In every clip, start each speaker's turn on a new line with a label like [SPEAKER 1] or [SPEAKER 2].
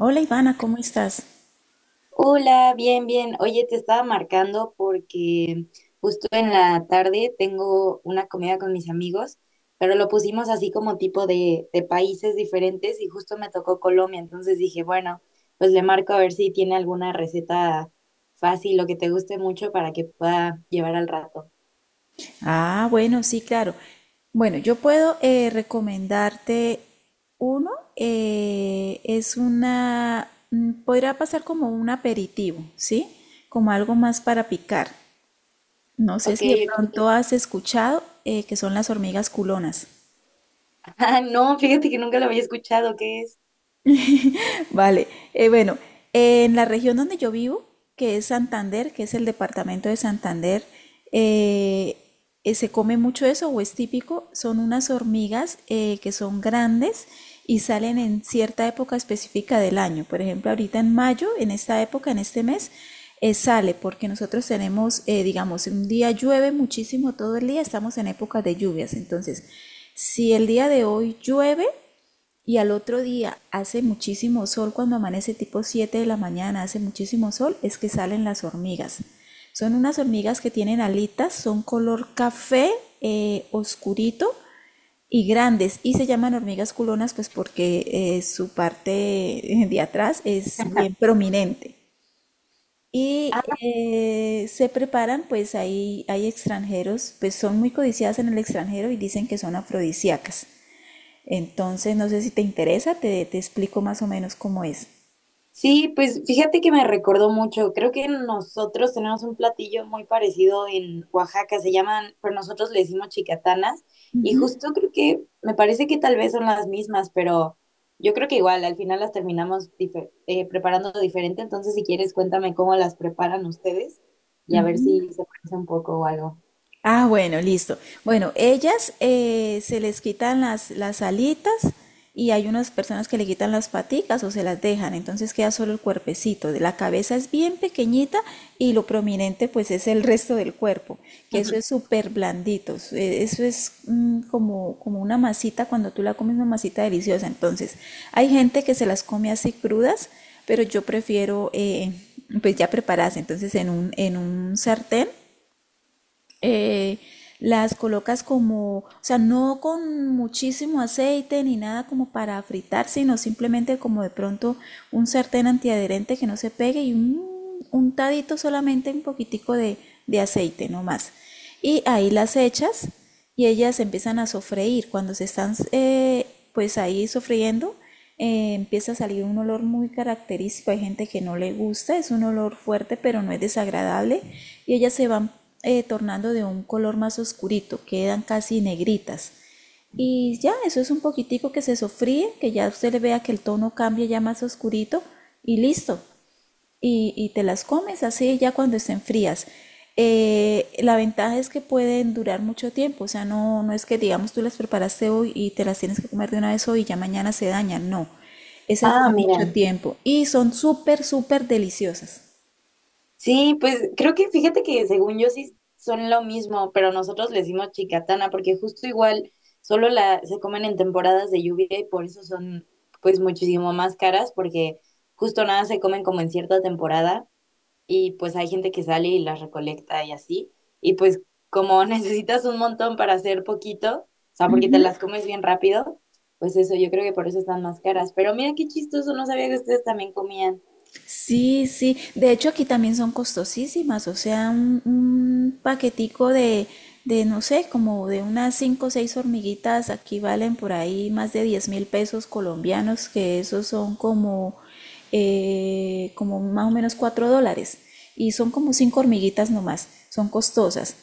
[SPEAKER 1] Hola Ivana, ¿cómo estás?
[SPEAKER 2] Hola, bien, bien. Oye, te estaba marcando porque justo en la tarde tengo una comida con mis amigos, pero lo pusimos así como tipo de países diferentes y justo me tocó Colombia, entonces dije, bueno, pues le marco a ver si tiene alguna receta fácil o que te guste mucho para que pueda llevar al rato.
[SPEAKER 1] Ah, bueno, sí, claro. Bueno, yo puedo recomendarte uno, podrá pasar como un aperitivo, ¿sí? Como algo más para picar. No sé
[SPEAKER 2] Ok,
[SPEAKER 1] si de
[SPEAKER 2] ok.
[SPEAKER 1] pronto has escuchado que son las hormigas culonas.
[SPEAKER 2] Ah, no, fíjate que nunca lo había escuchado, ¿qué es?
[SPEAKER 1] Vale, bueno, en la región donde yo vivo, que es Santander, que es el departamento de Santander, eh, se come mucho eso o es típico, son unas hormigas que son grandes y salen en cierta época específica del año. Por ejemplo, ahorita en mayo, en esta época, en este mes, sale porque nosotros tenemos, digamos, un día llueve muchísimo todo el día, estamos en época de lluvias. Entonces, si el día de hoy llueve, y al otro día hace muchísimo sol, cuando amanece tipo 7 de la mañana, hace muchísimo sol, es que salen las hormigas. Son unas hormigas que tienen alitas, son color café oscurito y grandes y se llaman hormigas culonas pues porque su parte de atrás es bien prominente. Y se preparan, pues ahí hay extranjeros, pues son muy codiciadas en el extranjero y dicen que son afrodisíacas. Entonces, no sé si te interesa, te explico más o menos cómo es.
[SPEAKER 2] Sí, pues fíjate que me recordó mucho. Creo que nosotros tenemos un platillo muy parecido en Oaxaca, se llaman, pero nosotros le decimos chicatanas. Y justo creo que me parece que tal vez son las mismas, pero yo creo que igual al final las terminamos preparando diferente. Entonces, si quieres, cuéntame cómo las preparan ustedes y a ver si se parece un poco o algo.
[SPEAKER 1] Ah, bueno, listo. Bueno, ellas se les quitan las alitas y hay unas personas que le quitan las paticas o se las dejan, entonces queda solo el cuerpecito. La cabeza es bien pequeñita y lo prominente pues es el resto del cuerpo, que eso es súper blandito. Eso es como una masita, cuando tú la comes una masita deliciosa. Entonces, hay gente que se las come así crudas, pero yo prefiero pues ya preparadas. Entonces, en un sartén eh, las colocas como, o sea, no con muchísimo aceite ni nada como para fritar, sino simplemente como de pronto un sartén antiadherente que no se pegue y un untadito solamente un poquitico de aceite nomás. Y ahí las echas y ellas empiezan a sofreír. Cuando se están pues ahí sofriendo, empieza a salir un olor muy característico. Hay gente que no le gusta, es un olor fuerte, pero no es desagradable. Y ellas se van tornando de un color más oscurito, quedan casi negritas. Y ya, eso es un poquitico que se sofríe, que ya usted le vea que el tono cambia ya más oscurito y listo y te las comes así ya cuando estén frías. La ventaja es que pueden durar mucho tiempo, o sea, no, no es que digamos tú las preparaste hoy y te las tienes que comer de una vez hoy y ya mañana se dañan, no, esas
[SPEAKER 2] Ah,
[SPEAKER 1] duran mucho
[SPEAKER 2] mira.
[SPEAKER 1] tiempo y son súper, súper deliciosas.
[SPEAKER 2] Sí, pues creo que fíjate que según yo sí son lo mismo, pero nosotros le decimos chicatana porque justo igual solo la se comen en temporadas de lluvia y por eso son pues muchísimo más caras porque justo nada se comen como en cierta temporada y pues hay gente que sale y las recolecta y así y pues como necesitas un montón para hacer poquito, o sea, porque te las comes bien rápido, pues eso yo creo que por eso están más caras, pero mira qué chistoso, no sabía que ustedes también comían.
[SPEAKER 1] Sí, sí. De hecho, aquí también son costosísimas. O sea, un paquetico de, no sé, como de unas cinco o seis hormiguitas, aquí valen por ahí más de 10.000 pesos colombianos, que esos son como, como más o menos 4 dólares. Y son como cinco hormiguitas nomás. Son costosas.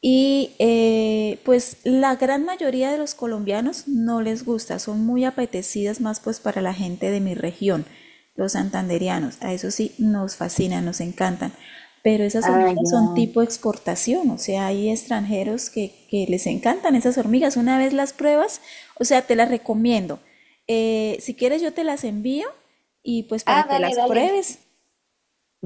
[SPEAKER 1] Y pues la gran mayoría de los colombianos no les gusta, son muy apetecidas más pues para la gente de mi región, los santandereanos. A eso sí, nos fascinan, nos encantan. Pero esas
[SPEAKER 2] Ah,
[SPEAKER 1] hormigas son
[SPEAKER 2] ya.
[SPEAKER 1] tipo exportación, o sea, hay extranjeros que les encantan esas hormigas. Una vez las pruebas, o sea, te las recomiendo. Si quieres yo te las envío y pues para
[SPEAKER 2] Ah,
[SPEAKER 1] que
[SPEAKER 2] dale,
[SPEAKER 1] las
[SPEAKER 2] dale.
[SPEAKER 1] pruebes.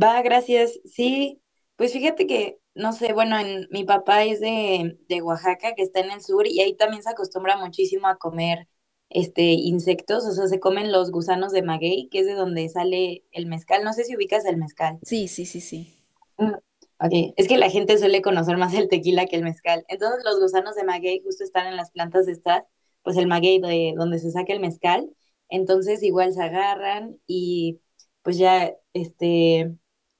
[SPEAKER 2] Va, gracias. Sí, pues fíjate que, no sé, bueno, en, mi papá es de Oaxaca, que está en el sur, y ahí también se acostumbra muchísimo a comer este insectos, o sea, se comen los gusanos de maguey, que es de donde sale el mezcal. No sé si ubicas el mezcal.
[SPEAKER 1] Sí, sí, sí, sí.
[SPEAKER 2] Mm, ok, es que la gente suele conocer más el tequila que el mezcal. Entonces, los gusanos de maguey justo están en las plantas de estas, pues el maguey de donde se saca el mezcal. Entonces, igual se agarran y pues ya, este,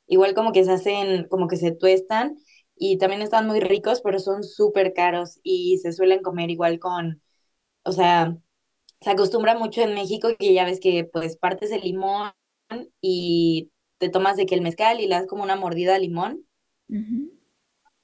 [SPEAKER 2] igual como que se hacen, como que se tuestan y también están muy ricos, pero son súper caros y se suelen comer igual con, o sea, se acostumbra mucho en México que ya ves que pues partes el limón y te tomas de que el mezcal y le das como una mordida al limón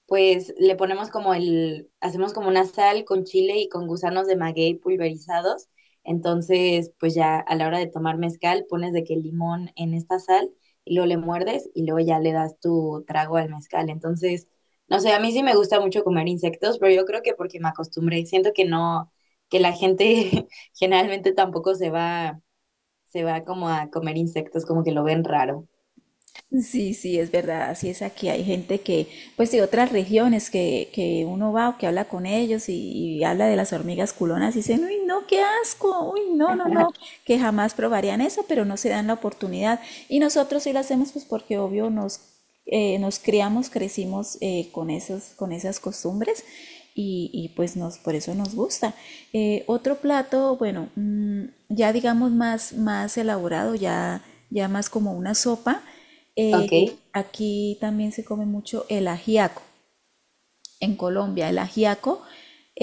[SPEAKER 2] pues le ponemos como el, hacemos como una sal con chile y con gusanos de maguey pulverizados. Entonces, pues ya a la hora de tomar mezcal, pones de que el limón en esta sal y luego le muerdes y luego ya le das tu trago al mezcal. Entonces, no sé, a mí sí me gusta mucho comer insectos, pero yo creo que porque me acostumbré, siento que no, que la gente generalmente tampoco se va, se va como a comer insectos, como que lo ven raro.
[SPEAKER 1] Sí, sí, es verdad, así es aquí. Hay gente que, pues de otras regiones que uno va o que habla con ellos y habla de las hormigas culonas y dicen, uy, no, qué asco, uy, no, no, no, que jamás probarían eso, pero no se dan la oportunidad. Y nosotros sí lo hacemos, pues porque obvio nos, nos criamos, crecimos con esas costumbres y, pues por eso nos gusta. Otro plato, bueno, ya digamos más elaborado, ya más como una sopa.
[SPEAKER 2] Ok,
[SPEAKER 1] Aquí también se come mucho el ajiaco en Colombia. El ajiaco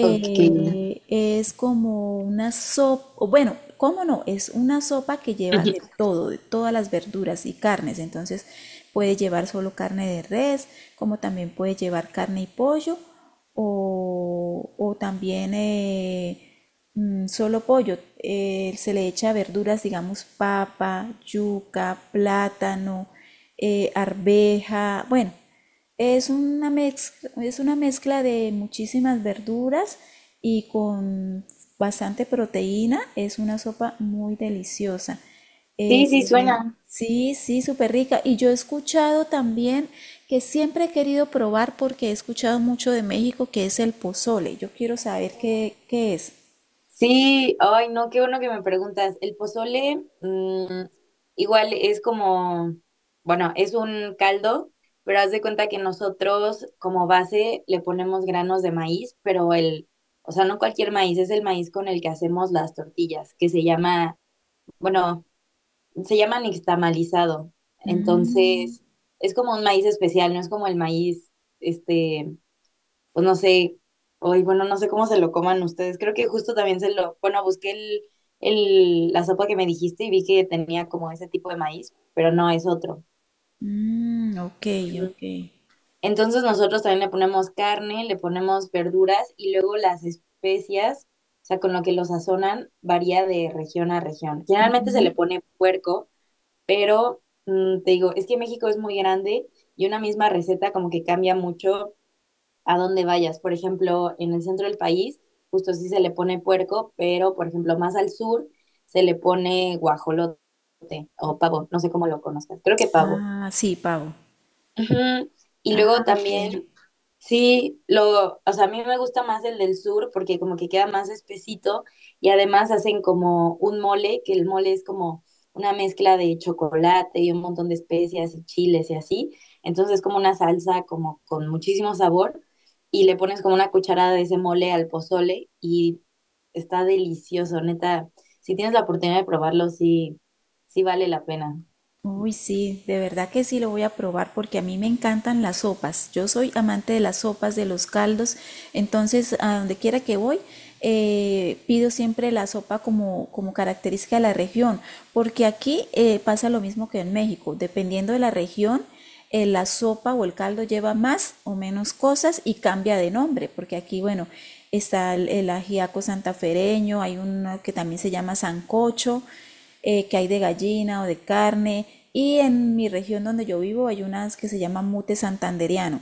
[SPEAKER 2] ok.
[SPEAKER 1] es como una sopa, bueno, ¿cómo no? Es una sopa que lleva de todo, de todas las verduras y carnes. Entonces puede llevar solo carne de res, como también puede llevar carne y pollo, o también solo pollo. Se le echa verduras, digamos, papa, yuca, plátano, arveja, bueno. Es una mezcla de muchísimas verduras y con bastante proteína. Es una sopa muy deliciosa. Eh,
[SPEAKER 2] Sí, sí, suena.
[SPEAKER 1] sí, sí, súper rica. Y yo he escuchado también que siempre he querido probar porque he escuchado mucho de México que es el pozole. Yo quiero saber qué es.
[SPEAKER 2] Sí, ay, no, qué bueno que me preguntas. El pozole, mm, igual es como, bueno, es un caldo, pero haz de cuenta que nosotros como base le ponemos granos de maíz, pero el, o sea, no cualquier maíz, es el maíz con el que hacemos las tortillas, que se llama, bueno, se llama nixtamalizado. Entonces, es como un maíz especial, no es como el maíz, este, pues no sé, hoy, bueno, no sé cómo se lo coman ustedes. Creo que justo también se lo, bueno, busqué el, la sopa que me dijiste y vi que tenía como ese tipo de maíz, pero no es otro.
[SPEAKER 1] Mm, ok,
[SPEAKER 2] Ujú.
[SPEAKER 1] ok.
[SPEAKER 2] Entonces nosotros también le ponemos carne, le ponemos verduras y luego las especias, o sea, con lo que lo sazonan, varía de región a región. Generalmente se le pone puerco, pero mm, te digo, es que México es muy grande y una misma receta como que cambia mucho a dónde vayas. Por ejemplo, en el centro del país, justo sí se le pone puerco, pero por ejemplo, más al sur se le pone guajolote o pavo, no sé cómo lo conozcas, creo que pavo.
[SPEAKER 1] Ah, sí, pavo.
[SPEAKER 2] Ujú. Y
[SPEAKER 1] Ah,
[SPEAKER 2] luego
[SPEAKER 1] ok.
[SPEAKER 2] también, sí, lo, o sea, a mí me gusta más el del sur porque como que queda más espesito y además hacen como un mole, que el mole es como una mezcla de chocolate y un montón de especias y chiles y así. Entonces es como una salsa como con muchísimo sabor y le pones como una cucharada de ese mole al pozole y está delicioso, neta. Si tienes la oportunidad de probarlo, sí, sí vale la pena.
[SPEAKER 1] Uy, sí, de verdad que sí lo voy a probar porque a mí me encantan las sopas. Yo soy amante de las sopas, de los caldos. Entonces, a donde quiera que voy, pido siempre la sopa como característica de la región. Porque aquí pasa lo mismo que en México. Dependiendo de la región, la sopa o el caldo lleva más o menos cosas y cambia de nombre, porque aquí, bueno, está el ajiaco santafereño, hay uno que también se llama sancocho, que hay de gallina o de carne, y en mi región donde yo vivo hay unas que se llaman mute santanderiano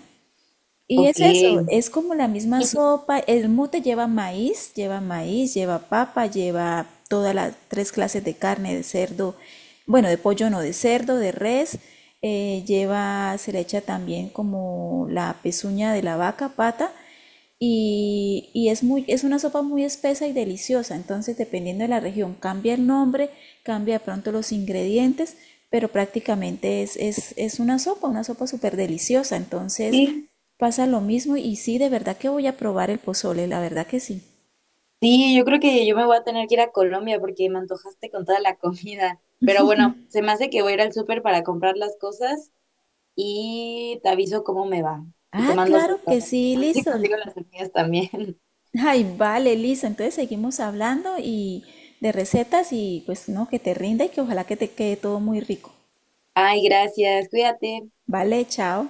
[SPEAKER 1] y
[SPEAKER 2] Ok.
[SPEAKER 1] es eso, es como la misma sopa. El mute lleva maíz, lleva maíz, lleva papa, lleva todas las tres clases de carne, de cerdo, bueno, de pollo no, de cerdo, de res. Se le echa también como la pezuña de la vaca, pata y es una sopa muy espesa y deliciosa. Entonces, dependiendo de la región, cambia el nombre, cambia de pronto los ingredientes, pero prácticamente es una sopa súper deliciosa. Entonces, pasa lo mismo y sí, de verdad que voy a probar el pozole, la verdad que sí.
[SPEAKER 2] Sí, yo creo que yo me voy a tener que ir a Colombia porque me antojaste con toda la comida. Pero bueno, se me hace que voy a ir al súper para comprar las cosas y te aviso cómo me va. Y te
[SPEAKER 1] Ah,
[SPEAKER 2] mando
[SPEAKER 1] claro que
[SPEAKER 2] foto.
[SPEAKER 1] sí,
[SPEAKER 2] A ver si
[SPEAKER 1] listo.
[SPEAKER 2] consigo las semillas también.
[SPEAKER 1] Ay, vale, listo. Entonces seguimos hablando y de recetas y pues no, que te rinda y que ojalá que te quede todo muy rico.
[SPEAKER 2] Ay, gracias. Cuídate.
[SPEAKER 1] Vale, chao.